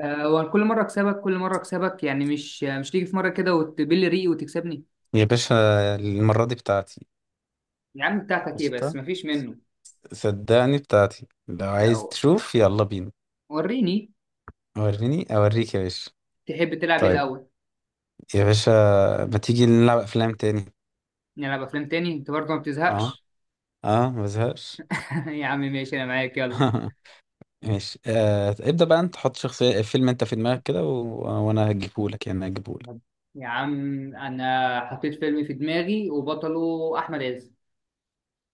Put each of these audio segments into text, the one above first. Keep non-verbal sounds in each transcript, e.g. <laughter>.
وكل مرة أكسبك كل مرة أكسبك، يعني مش تيجي في مرة كده وتبل ريقي وتكسبني. يا باشا، المرة دي بتاعتي. يا عم بتاعتك إيه؟ بس قشطة، مفيش منه. صدقني بتاعتي. لو عايز لا، تشوف يلا بينا. وريني. وريني أوريك يا باشا. تحب تلعب إيه طيب الأول؟ يا باشا، ما تيجي نلعب أفلام تاني. نلعب أفلام تاني؟ أنت برضه ما اه، بتزهقش؟ اه ما بزهقش. <laughs> يا عم ماشي، أنا معاك يلا. <laughs> ماشي، آه ابدأ بقى. انت حط شخصية فيلم انت في دماغك كده وانا هجيبهولك، يعني هجيبهولك. يا عم، أنا حطيت فيلم في دماغي وبطله أحمد عز.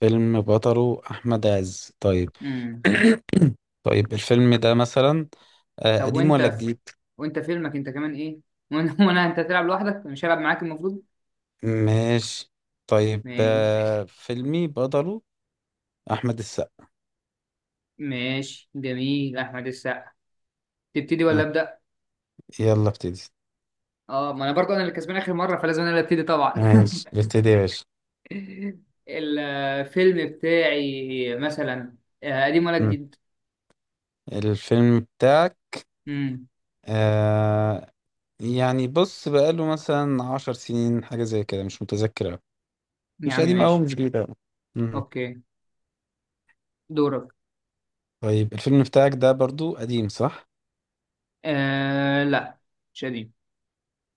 فيلم بطله أحمد عز، طيب. امم <coughs> <clears throat> طيب الفيلم ده مثلا آه طب قديم وأنت ولا جديد؟ وأنت فيلمك أنت كمان إيه؟ <laughs> وأنا أنت تلعب لوحدك، مش هلعب معاك المفروض. ماشي طيب، ماشي. آه فيلمي بطله احمد السقا. ماشي، جميل، أحمد السقا. تبتدي ولا آه. أبدأ؟ يلا ابتدي. اه، ما انا برضو انا اللي كسبان اخر مره، فلازم انا اللي ابتدي طبعا. ماشي ابتدي يا باشا. <laughs> الفيلم بتاعي مثلا آه، قديم ولا مم. جديد؟ الفيلم بتاعك امم آه يعني بص بقاله مثلا عشر سنين، حاجة زي كده، مش متذكر أوي. يا مش عمي قديم أوي ماشي. مش جديد أوي. مم. اوكي، دورك. طيب الفيلم بتاعك ده برضو قديم صح؟ آه لا، مش قديم.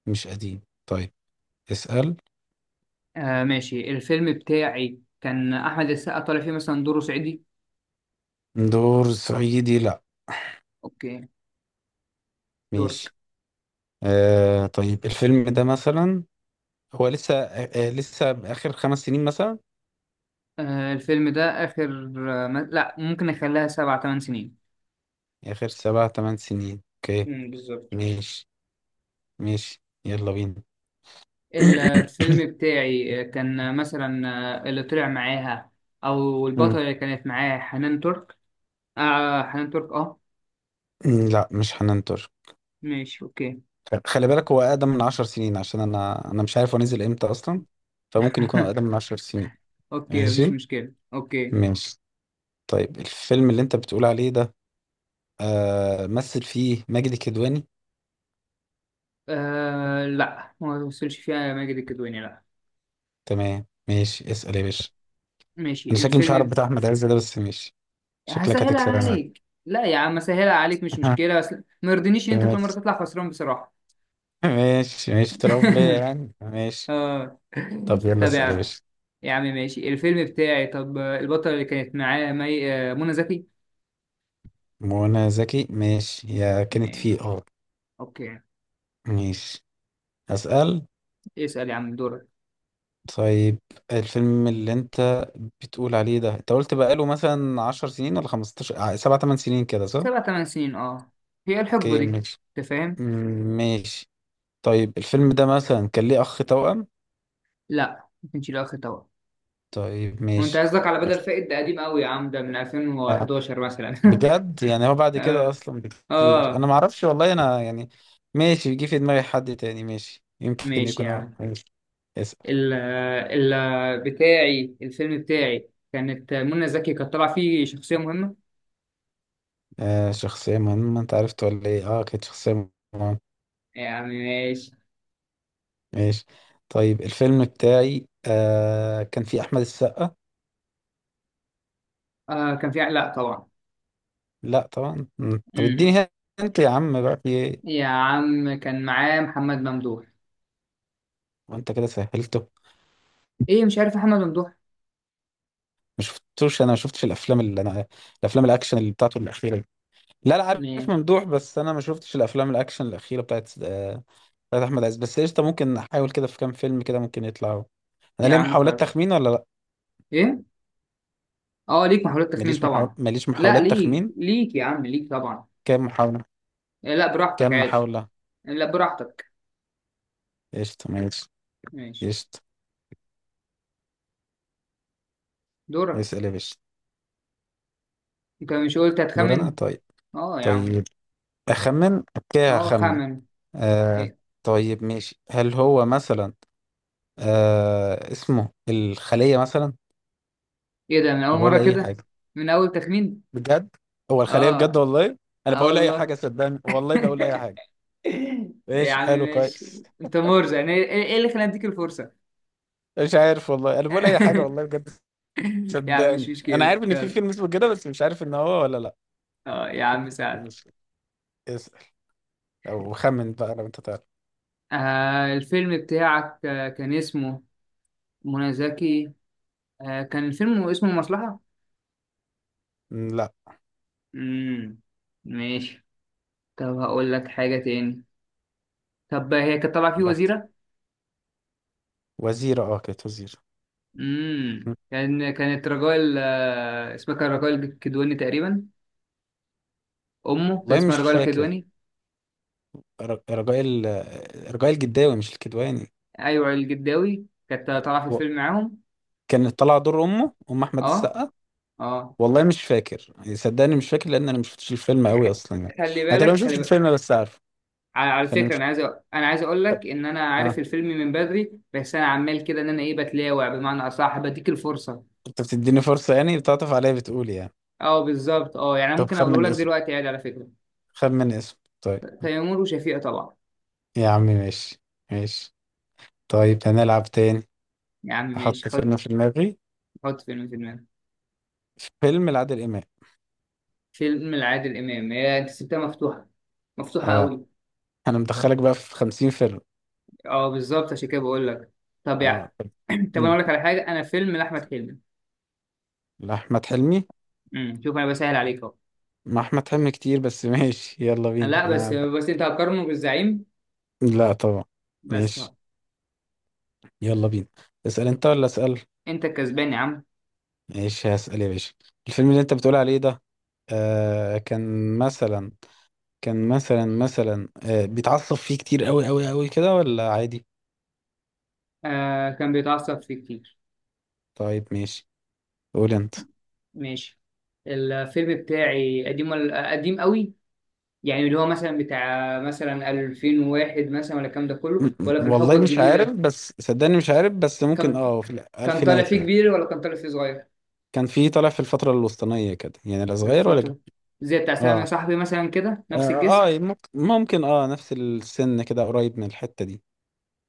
مش قديم طيب. اسأل. آه ماشي، الفيلم بتاعي كان احمد السقا طالع فيه مثلا دوره صعيدي. دور صعيدي، لا. اوكي، دورك. ماشي. آه طيب الفيلم ده مثلا هو لسه لسه آخر خمس سنين مثلا. آه الفيلم ده اخر آه ما... لا، ممكن اخليها سبع ثمان سنين. آخر سبع تمن سنين، اوكي. بالظبط. ماشي ماشي، يلا بينا. مم. الفيلم بتاعي كان مثلا اللي طلع معاها او البطلة اللي كانت معاها حنان ترك. آه حنان ترك اه. مم، لا مش حنان ترك. ماشي اوكي. خلي بالك، هو أقدم من عشر سنين، عشان أنا مش عارف هو نزل إمتى أصلا. فممكن يكون <laughs> أقدم من عشر سنين. اوكي مفيش ماشي مشكلة اوكي. ماشي. طيب الفيلم اللي أنت بتقول عليه ده، آه مثل فيه ماجد الكدواني. آه لا، ما وصلش فيها ماجد الكدواني، لا. تمام، ماشي، اسأل يا باشا. ماشي، أنا شكلي مش عارف بتاع أحمد عز ده بس ماشي. شكلك هسهلها هتكسب يا معلم. عليك، لا يا عم هسهلها عليك، مش مشكلة، <laughs> بس ما يرضينيش ان انت كل مرة ماشي تطلع خسران بصراحة. ماشي ماشي، تراب بيا <laughs> يعني، ماشي. اه. طب يلا طب يا اسأل يا عم، باشا. يا عم ماشي. الفيلم بتاعي، طب البطلة اللي كانت معاه مي... آه، منى زكي. منى زكي، ماشي، يا كانت ماشي فيه اه. اوكي. ماشي. أسأل. اسأل يا عم دورك. طيب الفيلم اللي انت بتقول عليه ده، انت قلت بقاله مثلا عشر سنين ولا خمستاشر سبعة تمن سنين كده صح؟ سبع تمن سنين اه، هي الحقبة اوكي دي. ماشي. انت فاهم؟ مم، ماشي. طيب الفيلم ده مثلا كان ليه أخ توأم؟ لا ما كانش له اخر طبعا. طيب وانت ماشي. قصدك على بدل بس. فائد؟ ده قديم قوي يا عم، ده من آه. 2011 مثلا. <laughs> بجد يعني هو بعد كده اه. أصلا بكتير أنا اه معرفش، والله أنا يعني. ماشي، جه في دماغي حد تاني، ماشي يمكن ماشي يكون يا هو، عم. ماشي. اسأل. ال بتاعي، الفيلم بتاعي كانت منى زكي كانت طالعة فيه شخصية مهمة. آه شخصية مهمة، أنت عرفت ولا إيه؟ أه كانت شخصية مهمة. يا عم ماشي. ماشي. طيب الفيلم بتاعي آه كان فيه أحمد السقا. آه كان في، لا طبعا. لا طبعا. مم. طب امم اديني. انت يا عم بقى في ايه؟ يا عم كان معاه محمد ممدوح. وانت كده سهلته. ايه مش عارف محمد ممدوح ما شفتوش، انا ما شفتش الافلام الاكشن اللي بتاعته الاخيره دي. لا لا عارف. مين؟ ممدوح، بس انا ما شفتش الافلام الاكشن الاخيره بتاعت بتاعت احمد عز. بس قشطه، ممكن احاول كده في كام فيلم كده، ممكن يطلعوا. انا يا ليا عم محاولات خالص. تخمين ولا لا؟ ايه، اه ليك محاولات تخمين طبعا. ماليش لا محاولات ليك، تخمين. ليك يا عم، ليك طبعا. كام محاوله؟ إيه، لا براحتك كام عادي. محاوله؟ آه، لا براحتك. قشطه ماشي. ماشي. قشطه. دورك. اسال يا باشا. انت مش قلت دور انا هتخمن؟ طيب. اه يا عم. طيب أخمن، أوكي اه أخمن. خمن. آه ايه. طيب ماشي، هل هو مثلا آه اسمه الخلية مثلا؟ إيه ده من اول أنا مرة بقول أي كده؟ حاجة. من اول تخمين؟ بجد، هو الخلية بجد اه. والله؟ أنا اه بقول أي والله. حاجة صدقني، والله بقول أي حاجة. <laughs> يا ماشي عم حلو ماشي. كويس. انت مرزق، يعني ايه إيه اللي خلاني اديك الفرصة؟ مش عارف والله، أنا بقول أي حاجة والله <laughs> بجد. يا عم مش صدقني أنا مشكلة عارف إن في يلا. فيلم اسمه كده بس مش عارف إن هو ولا لأ. اه يا عم سعد. ماشي، اسأل. أو خمن بقى لو أنت تعرف. آه الفيلم بتاعك آه، كان اسمه منى زكي آه كان الفيلم اسمه المصلحة. م، لأ. امم ماشي. طب هقول لك حاجة تاني، طب هي كانت طالعة فيه براحتك. وزيرة. وزيرة، أه كانت وزيرة. م، كان كانت رجال آه اسمها كان رجال الكدواني تقريبا. أمه كان والله اسمها مش رجال فاكر. الكدواني. ر- رجاء ال... رجاء الجداوي مش الكدواني. أيوة الجداوي كانت طالعة في و- الفيلم معاهم. كان طلع دور امه، ام احمد اه. السقا. اه. والله مش فاكر يعني، صدقني مش فاكر، لان انا مش شفتش الفيلم قوي خ- اصلا يعني. خلي انا تقريبا ما بالك، شفتش خلي بالك. الفيلم بس عارف. على على فانا فكرة، مش أنا عايز أنا عايز أقول لك فاكر. إن أنا عارف اه، الفيلم من بدري، بس أنا عمال كده إن أنا إيه بتلاوع، بمعنى أصح بديك الفرصة. انت بتديني فرصه يعني، بتعطف عليا، بتقول يعني. اه بالظبط، اه يعني أنا طب ممكن أقوله خمن لك اسم، دلوقتي عادي على فكرة. خمن اسم طيب. تيمور وشفيقة طبعا. يا عم ماشي ماشي. طيب هنلعب تاني. يا عم ماشي، احط حط. فيلم في دماغي. حط فيلم في دماغك. فيلم لعادل امام. فيلم لعادل إمام، هي أنت سبتها مفتوحة، مفتوحة اه قوي. انا مدخلك بقى في 50 فيلم. أه بالظبط عشان كده بقول لك. طب يا اه طب. <clears throat> طب أنا مم. أقول لك على حاجة، أنا فيلم لأحمد حلمي. لأحمد حلمي. شوف أنا بسهل عليك أهو. مع احمد حلمي كتير بس <laughs> ماشي يلا بينا لا بس انا. بس أنت هتقارنه بالزعيم. لا طبعا. بس أهو. ماشي يلا بينا، اسأل انت ولا اسأل؟ أنت الكسبان يا عم. ماشي هسأل يا باشا. الفيلم اللي انت بتقول عليه ده، آه كان مثلا، كان مثلا آه بيتعصب فيه كتير قوي قوي قوي كده ولا عادي؟ آه كان بيتعصب فيه كتير. طيب ماشي. قول انت. ماشي. الفيلم بتاعي قديم ولا قديم قوي؟ يعني اللي هو مثلا بتاع مثلا 2001 مثلا ولا الكلام ده كله، ولا في الحقبة والله مش عارف، الجديدة؟ بس صدقني مش عارف، بس ممكن كان، اه في كان طالع الألفينات فيه يعني. كبير ولا كان طالع فيه صغير؟ كان فيه طالع في الفترة الوسطانية كده يعني، لا صغير ولا كبير. الفترة، زي بتاع سلام يا اه صاحبي مثلا كده، نفس اه. الجسم. آه، ممكن ممكن اه نفس السن كده، قريب من الحتة دي.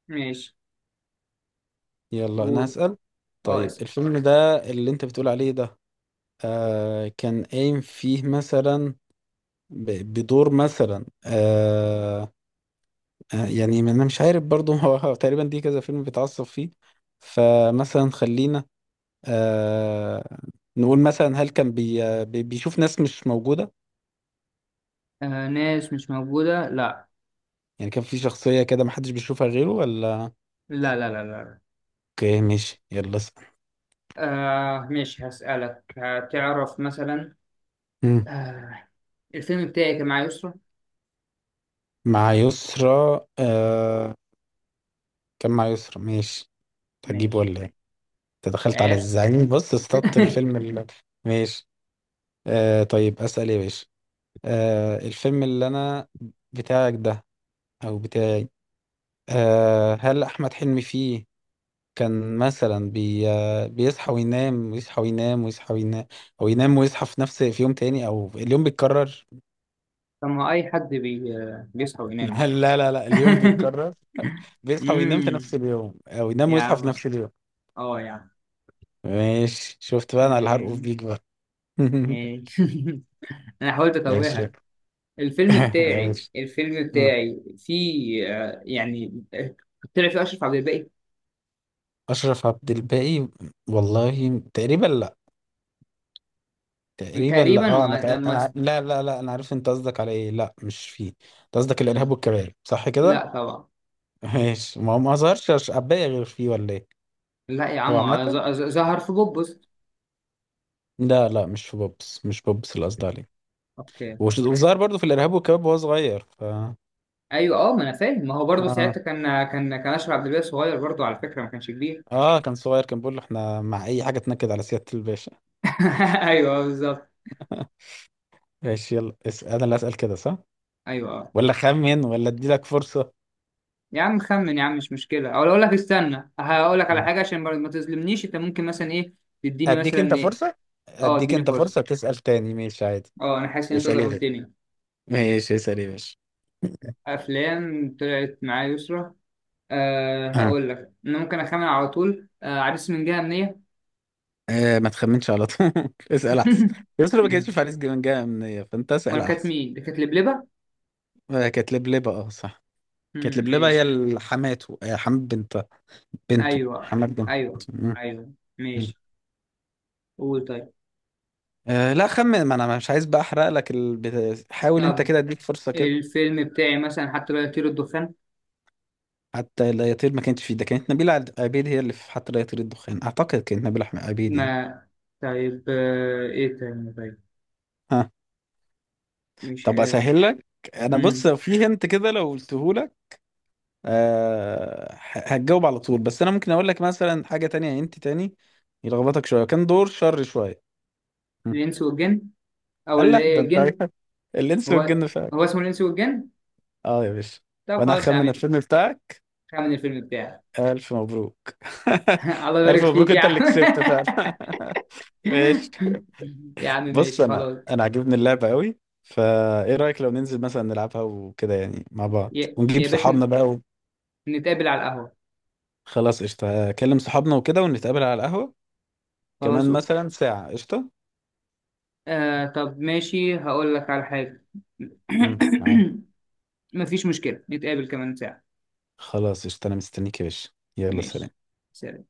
ماشي. يلا انا قول. هسأل. اه طيب اسم. الفيلم ده اللي انت بتقول عليه ده، آه كان قايم فيه مثلا بدور مثلا آه آه، يعني ما انا مش عارف برضو <laughs> هو تقريبا دي كذا فيلم بيتعصب فيه. فمثلا خلينا آه نقول مثلا هل كان بيشوف ناس مش موجودة؟ آه ناس مش موجودة؟ لا يعني كان في شخصية كده محدش بيشوفها غيره ولا؟ لا لا لا لا. اوكي ماشي، يلا آه ماشي هسألك هتعرف مثلا. اسأل. آه الفيلم بتاعي كان مع يسرا. مع يسرا. آه، كان مع يسرا، ماشي. تجيب ماشي. ولا ايه؟ انت مش دخلت على عارف. الزعيم، بص اصطدت <laughs> الفيلم اللي... ماشي. آه، طيب اسأل إيه يا باشا. آه، الفيلم اللي انا بتاعك ده، او بتاعي، آه، هل احمد حلمي فيه كان مثلا بي... آه، بيصحى وينام، ويصحى وينام، ويصحى وينام، او ينام ويصحى في نفس في يوم تاني، او اليوم بيتكرر؟ طب ما أي حد بيصحى وينام، <laughs> يسرا. لا لا لا، اليوم <laughs> بيتكرر. بيصحى وينام في امم نفس اليوم، او ينام يا ويصحى في عم. نفس اليوم. اه يا عم. ماشي، شفت بقى انا اللي هرقف آه، بيك بقى. <laughs> ماشي. <laughs> انا حاولت ماشي. اتوهك. الفيلم <laughs> بتاعي ماشي. الفيلم مم. بتاعي فيه طلع فيه أشرف عبد الباقي. اشرف عبد الباقي؟ والله تقريبا لا. تقريبا لا، تقريبا اه و- انا لما س- لا لا لا، انا عارف انت قصدك على ايه، لا مش فيه. انت قصدك الارهاب م- والكباب صح لا كده؟ طبعا. <laughs> ماشي، ما هو ما ظهرش عباية غير فيه ولا ايه؟ لا يا هو عم، عامة ظهر في بوبس. لا لا، مش في بوبس، مش بوبس اللي قصدي عليه. اوكي. <laughs> وظهر برضه في الارهاب والكباب وهو صغير ف. ايوه اه، ما انا فاهم، ما هو برضه اه ساعتها كان اشرف عبد الباقي صغير برضه، على فكره ما كانش كبير. اه كان صغير، كان بيقول له احنا مع اي حاجه تنكد على سياده الباشا. <laughs> ايوه آه، بالظبط. <laughs> ماشي يلا انا اللي اسال كده صح ايوه اه. ولا خمن ولا ادي لك فرصه؟ يا عم خمن يا عم، مش مشكله، او اقول لك استنى هقول لك على حاجه عشان ما ما تظلمنيش، انت ممكن مثلا ايه تديني اديك مثلا انت ايه. فرصه، اه اديك اديني انت فرصه، فرصه تسال تاني، ماشي عادي. اه انا حاسس ان انت اسال ايه ظلمتني. ماشي، اسال ايه ماشي. أفلام طلعت معايا يسرا. أه آه. هقول لك أنا ممكن أخمن على طول، أه عريس من جهة أمنية. آه ما تخمنش على طول <laughs> اسال احسن. <laughs> يسرا ما كانتش في عريس جبان جايه منيا، فانت اسال أمال كانت احسن. مين؟ دي كانت لبلبة؟ آه كانت لبلبه اه صح. كانت مم، لبلبه، هي ماشي. حماته. آه حماد بنت، بنته، أيوه. حماد بنته. أيوه. مم. أيوه مم. ماشي. قول طيب. آه لا خمن، ما انا مش عايز بقى احرق لك حاول انت طب كده اديك فرصه كده. الفيلم بتاعي مثلا حتى لو يطير الدخان. حتى الأياطير ما كانتش فيه، ده كانت نبيلة عبيد هي اللي في حتى الأياطير الدخان. أعتقد كانت نبيلة أحمد عبيد يعني. ما طيب، آه، إيه تاني طيب؟ ها؟ مش طب آه. أسهل لك. أنا بص مم. في هنت كده لو قلته لك أه هتجاوب على طول، بس أنا ممكن أقول لك مثلا حاجة تانية هنت تاني يلخبطك شوية، كان دور شر شوية. هم. الإنس والجن، أو اللي الله إيه ده أنت عارف. الجن. <laughs> الإنس هو، والجن فعلا. هو اسمه الإنس والجن؟ أه يا باشا. طب وأنا خلاص يا هخمن عم، الفيلم بتاعك. خمن الفيلم بتاعي. ألف مبروك. <laughs> <laughs> الله ألف يبارك مبروك، فيك يا أنت اللي عم. كسبت فعلا. <laughs> ماشي. <laughs> يا عم بص ماشي انا خلاص. انا عاجبني اللعبه قوي. فايه رايك لو ننزل مثلا نلعبها وكده يعني مع بعض، يا، ونجيب يا باشا، صحابنا بقى؟ نتقابل على القهوة. وخلاص قشطه، اكلم صحابنا وكده، ونتقابل على القهوه خلاص كمان أوك- مثلا ساعه، قشطه. آه طب ماشي هقول لك على حاجة. <clears throat> معاك. <coughs> مفيش مشكلة، نتقابل كمان ساعة. خلاص قشطه، انا مستنيك يا باشا. يلا سلام. ماشي. سلام.